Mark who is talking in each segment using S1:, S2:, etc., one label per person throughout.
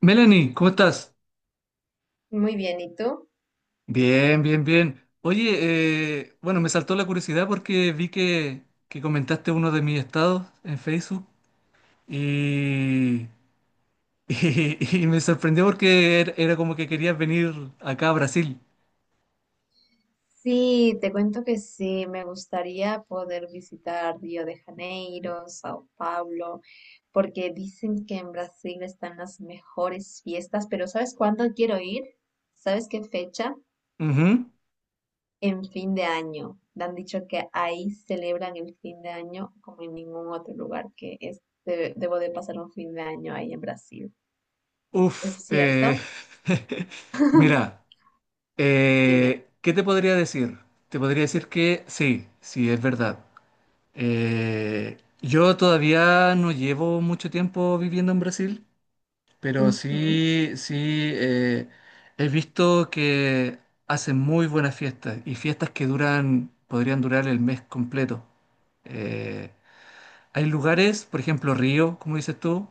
S1: Melanie, ¿cómo estás?
S2: Muy bien, ¿y tú?
S1: Bien, bien, bien. Oye, bueno, me saltó la curiosidad porque que comentaste uno de mis estados en Facebook y, y, me sorprendió porque era como que querías venir acá a Brasil.
S2: Sí, te cuento que sí, me gustaría poder visitar Río de Janeiro, Sao Paulo, porque dicen que en Brasil están las mejores fiestas, pero ¿sabes cuándo quiero ir? ¿Sabes qué fecha?
S1: Ujú.
S2: En fin de año. Me han dicho que ahí celebran el fin de año como en ningún otro lugar que es, debo de pasar un fin de año ahí en Brasil.
S1: Uf,
S2: ¿Es cierto?
S1: mira,
S2: Dime.
S1: ¿qué te podría decir? Te podría decir que sí, sí, es verdad. Yo todavía no llevo mucho tiempo viviendo en Brasil. Pero
S2: Ujú,
S1: sí, sí, eh, he visto que hacen muy buenas fiestas y fiestas que podrían durar el mes completo. Eh, Hay lugares, por ejemplo, Río, como dices tú,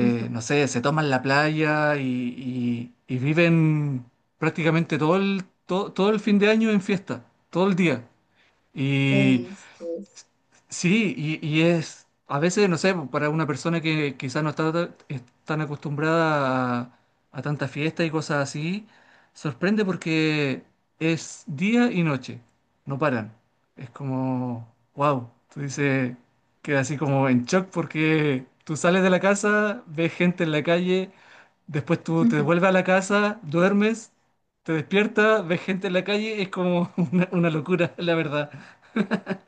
S2: ujú.
S1: no sé, se toman la playa y viven prácticamente todo el fin de año en fiesta, todo el día.
S2: ¿Qué dices?
S1: Sí, y, a veces, no sé, para una persona que quizás no está ta- es tan acostumbrada a tanta fiesta y cosas así, sorprende porque es día y noche, no paran. Es como, wow, tú dices, queda así como en shock porque tú sales de la casa, ves gente en la calle, después tú te devuelves a la casa, duermes, te despiertas, ves gente en la calle, es como una locura, la verdad.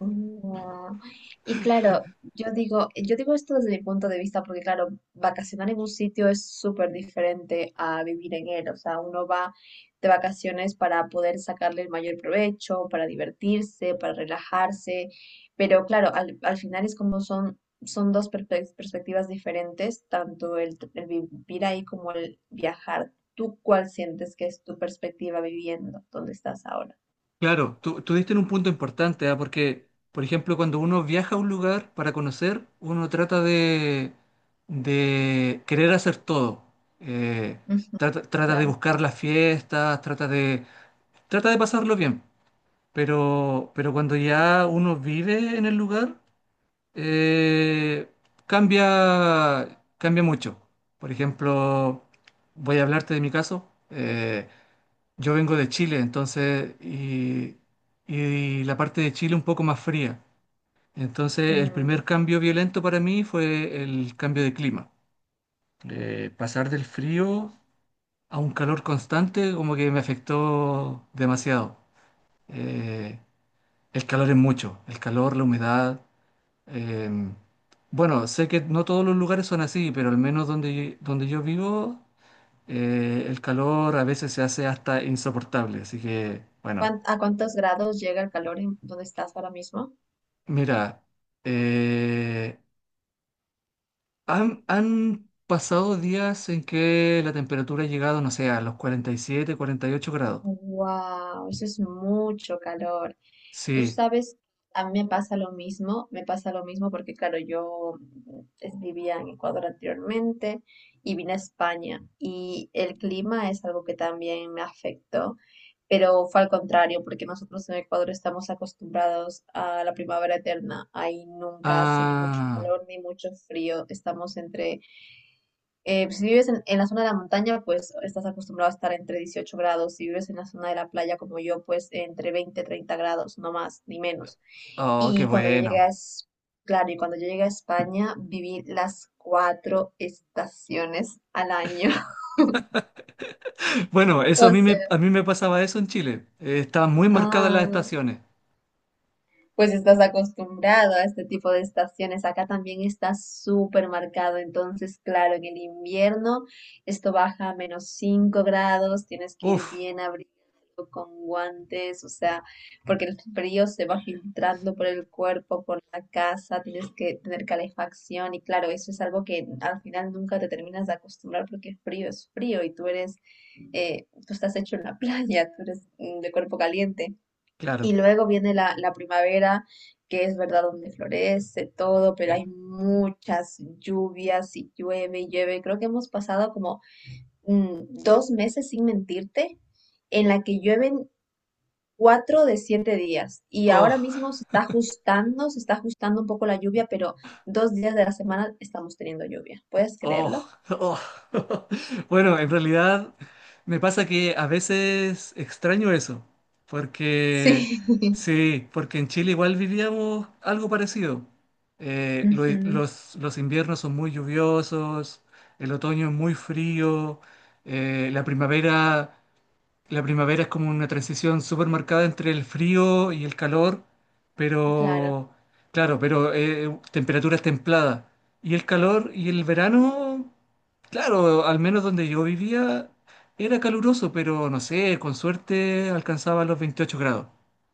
S2: No. Y claro, yo digo esto desde mi punto de vista porque claro, vacacionar en un sitio es súper diferente a vivir en él. O sea, uno va de vacaciones para poder sacarle el mayor provecho, para divertirse, para relajarse. Pero claro, al final es como son dos perspectivas diferentes, tanto el vivir ahí como el viajar. ¿Tú cuál sientes que es tu perspectiva viviendo? ¿Dónde estás ahora?
S1: Claro, tú diste en un punto importante, ¿ah? Porque, por ejemplo, cuando uno viaja a un lugar para conocer, uno de querer hacer todo. Eh,
S2: Ujú,
S1: trata de
S2: claro.
S1: buscar las fiestas, trata de pasarlo bien. Pero cuando ya uno vive en el lugar, eh, cambia mucho. Por ejemplo, voy a hablarte de mi caso. Yo vengo de Chile, entonces, y la parte de Chile un poco más fría. Entonces, el
S2: Mm.
S1: primer cambio violento para mí fue el cambio de clima. Pasar del frío a un calor constante como que me afectó demasiado. Eh, el calor es mucho, el calor, la humedad. em, bueno, sé que no todos los lugares son así, pero al menos donde yo vivo, el calor a veces se hace hasta insoportable. Así que, bueno.
S2: ¿A cuántos grados llega el calor en donde estás ahora mismo?
S1: Mira, eh, han pasado días en que la temperatura ha llegado, no sé, a los 40 47, 48 grados.
S2: Wow, eso es mucho calor. Tú
S1: Sí.
S2: sabes, a mí me pasa lo mismo, me pasa lo mismo porque, claro, yo vivía en Ecuador anteriormente y vine a España y el clima es algo que también me afectó, pero fue al contrario porque nosotros en Ecuador estamos acostumbrados a la primavera eterna. Ahí nunca hace ni mucho
S1: Ah,
S2: calor ni mucho frío, estamos entre. Pues, si vives en la zona de la montaña, pues estás acostumbrado a estar entre 18 grados. Si vives en la zona de la playa como yo, pues entre 20, 30 grados, no más ni menos.
S1: oh, qué
S2: Y cuando yo llegué a,
S1: bueno.
S2: Es- Claro, y cuando yo llegué a España, viví las cuatro estaciones al año.
S1: Bueno, eso
S2: O sea,
S1: a mí me pasaba eso en Chile. Estaban muy marcadas las
S2: ah,
S1: estaciones.
S2: pues estás acostumbrado a este tipo de estaciones. Acá también está súper marcado. Entonces, claro, en el invierno esto baja a -5 grados, tienes que ir
S1: Uf,
S2: bien abrigado con guantes, o sea, porque el frío se va filtrando por el cuerpo, por la casa, tienes que tener calefacción y claro, eso es algo que al final nunca te terminas de acostumbrar porque frío es frío y tú estás hecho en la playa, tú eres de cuerpo caliente. Y
S1: claro.
S2: luego viene la primavera, que es verdad donde florece todo, pero hay muchas lluvias y llueve y llueve. Creo que hemos pasado como 2 meses, sin mentirte, en la que llueven 4 de 7 días. Y ahora
S1: Oh.
S2: mismo se está ajustando un poco la lluvia, pero 2 días de la semana estamos teniendo lluvia. ¿Puedes
S1: Oh,
S2: creerlo?
S1: oh. Bueno, en realidad me pasa que a veces extraño eso, porque
S2: Sí.
S1: sí, porque en Chile igual vivíamos algo parecido. Eh, lo-
S2: Ujú,
S1: los inviernos son muy lluviosos, el otoño es muy frío, eh, la primavera es como una transición súper marcada entre el frío y el calor,
S2: claro.
S1: pero claro, pero temperaturas templadas. Y el calor y el verano, claro, al menos donde yo vivía era caluroso, pero no sé, con suerte alcanzaba los 28 grados.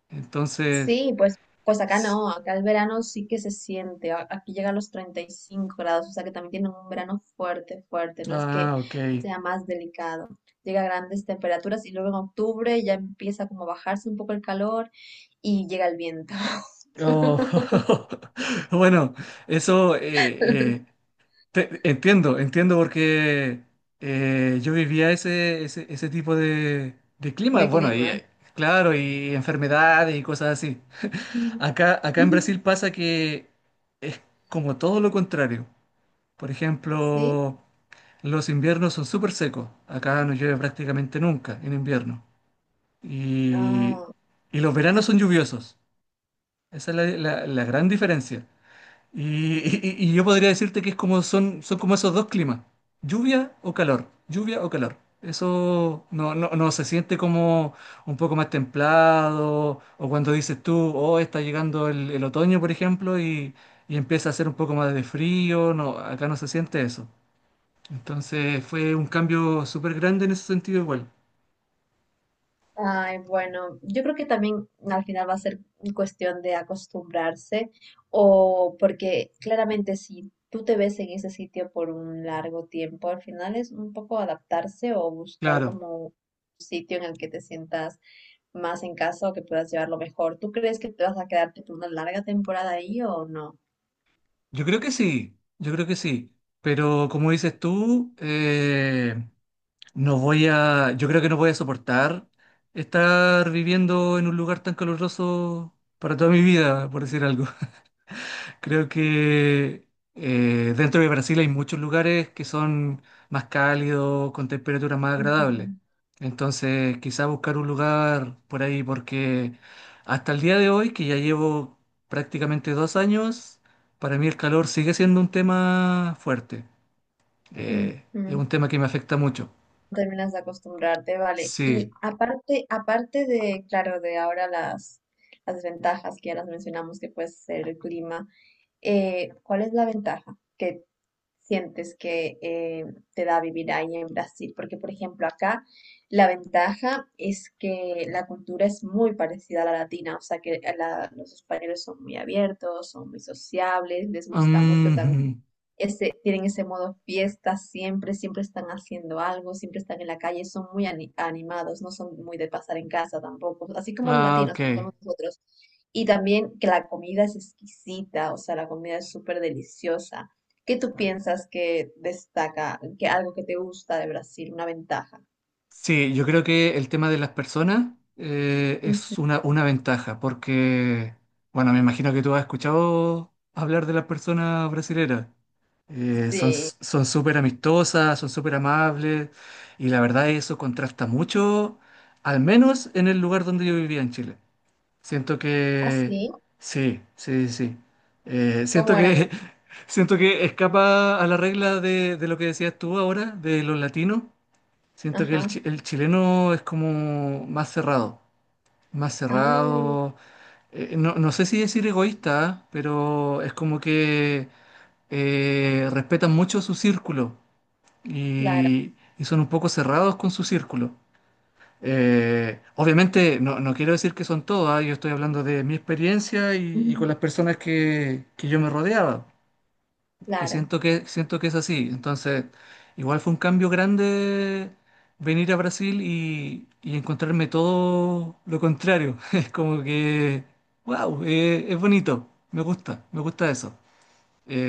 S1: Entonces,
S2: Sí, pues, pues acá
S1: s-
S2: no, acá el verano sí que se siente, aquí llega a los 35 grados, o sea que también tiene un verano fuerte, fuerte, no es que
S1: ah, ok.
S2: sea más delicado, llega a grandes temperaturas y luego en octubre ya empieza como a bajarse un poco el calor y llega el viento
S1: Oh, bueno, eso eh, eh, entiendo, entiendo porque yo vivía ese tipo de clima,
S2: de
S1: bueno, y
S2: clima.
S1: claro, y enfermedades y cosas así. Acá en Brasil pasa que es como todo lo contrario. Por
S2: Sí,
S1: ejemplo, los inviernos son súper secos. Acá no llueve prácticamente nunca en invierno. Y,
S2: ah.
S1: y los veranos son lluviosos. Esa es la gran diferencia. Y yo podría decirte que es como son, son como esos dos climas, lluvia o calor, lluvia o calor. Eso no, no, no se siente como un poco más templado, o cuando dices tú, oh, está llegando el otoño, por ejemplo, y empieza a hacer un poco más de frío, no, acá no se siente eso. Entonces fue un cambio súper grande en ese sentido igual.
S2: Ay, bueno, yo creo que también al final va a ser cuestión de acostumbrarse o porque claramente si tú te ves en ese sitio por un largo tiempo, al final es un poco adaptarse o buscar
S1: Claro,
S2: como un sitio en el que te sientas más en casa o que puedas llevarlo mejor. ¿Tú crees que te vas a quedarte por una larga temporada ahí o no?
S1: yo creo que sí, yo creo que sí, pero como dices tú, no voy a, yo creo que no voy a soportar estar viviendo en un lugar tan caluroso para toda mi vida, por decir algo. Creo que dentro de Brasil hay muchos lugares que son más cálidos, con temperaturas más
S2: Ujú,
S1: agradables. Entonces, quizá buscar un lugar por ahí, porque hasta el día de hoy, que ya llevo prácticamente 2 años, para mí el calor sigue siendo un tema fuerte. Es
S2: ujú.
S1: un tema que me afecta mucho.
S2: Terminas de acostumbrarte, vale. Y
S1: Sí.
S2: aparte, aparte de, claro, de ahora las ventajas que ya las mencionamos, que puede ser el clima, ¿cuál es la ventaja que sientes que te da vivir ahí en Brasil? Porque, por ejemplo, acá la ventaja es que la cultura es muy parecida a la latina, o sea que los españoles son muy abiertos, son muy sociables, les gusta mucho también
S1: Mm,
S2: ese, tienen ese modo fiesta siempre, siempre están haciendo algo, siempre están en la calle, son muy animados, no son muy de pasar en casa tampoco, así como los
S1: ah,
S2: latinos,
S1: ok.
S2: como somos nosotros. Y también que la comida es exquisita, o sea, la comida es súper deliciosa. ¿Qué tú piensas que destaca, que algo que te gusta de Brasil, una ventaja?
S1: Sí, yo creo que el tema de las personas
S2: Ujú.
S1: es una ventaja, porque, bueno, me imagino que tú has escuchado hablar de las personas brasileras. Son,
S2: Sí,
S1: son súper amistosas, son súper amables, y la verdad eso contrasta mucho, al menos en el lugar donde yo vivía en Chile. Siento que
S2: así,
S1: sí, sí, sí. Sí. Siento
S2: ¿cómo eran?
S1: que siento que escapa a la regla de lo que decías tú ahora, de los latinos. Siento que
S2: Ajá,
S1: el chileno es como más cerrado, más
S2: ah,
S1: cerrado. No, no sé si decir egoísta, ¿ah? Pero es como que respetan mucho su círculo
S2: claro,
S1: y son un poco cerrados con su círculo. Obviamente no, no quiero decir que son todas, yo estoy hablando de mi experiencia y con las personas que yo me rodeaba, que
S2: claro.
S1: siento que, siento que es así. Entonces, igual fue un cambio grande venir a Brasil y encontrarme todo lo contrario. Es como que, wow, es bonito, me gusta eso.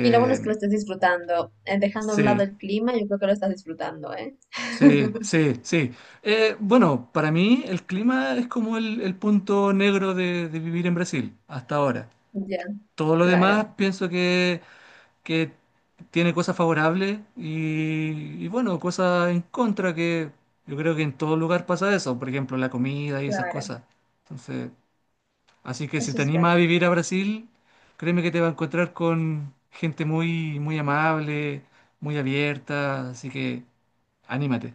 S2: Y lo bueno es que lo estés disfrutando. Dejando a un lado
S1: sí.
S2: el clima, yo creo que lo estás disfrutando, ¿eh?
S1: Sí, sí, sí. Bueno, para mí el clima es como el punto negro de vivir en Brasil hasta ahora.
S2: Ya,
S1: Todo lo
S2: claro,
S1: demás pienso que tiene cosas favorables y, bueno, cosas en contra que yo creo que en todo lugar pasa eso. Por ejemplo, la comida y esas
S2: claro.
S1: cosas. Entonces, así que si
S2: Eso
S1: te
S2: es verdad.
S1: animas a vivir a Brasil, créeme que te vas a encontrar con gente muy, muy amable, muy abierta. Así que anímate.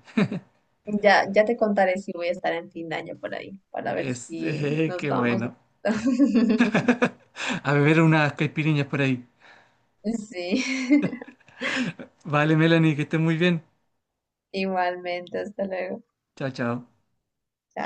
S2: Ya, ya te contaré si voy a estar en fin de año por ahí, para ver si
S1: Este,
S2: nos
S1: qué
S2: vamos de
S1: bueno.
S2: fiesta.
S1: A beber unas caipiriñas por ahí.
S2: Sí,
S1: Vale, Melanie, que estés muy bien.
S2: igualmente, hasta luego.
S1: Chao, chao.
S2: Chao.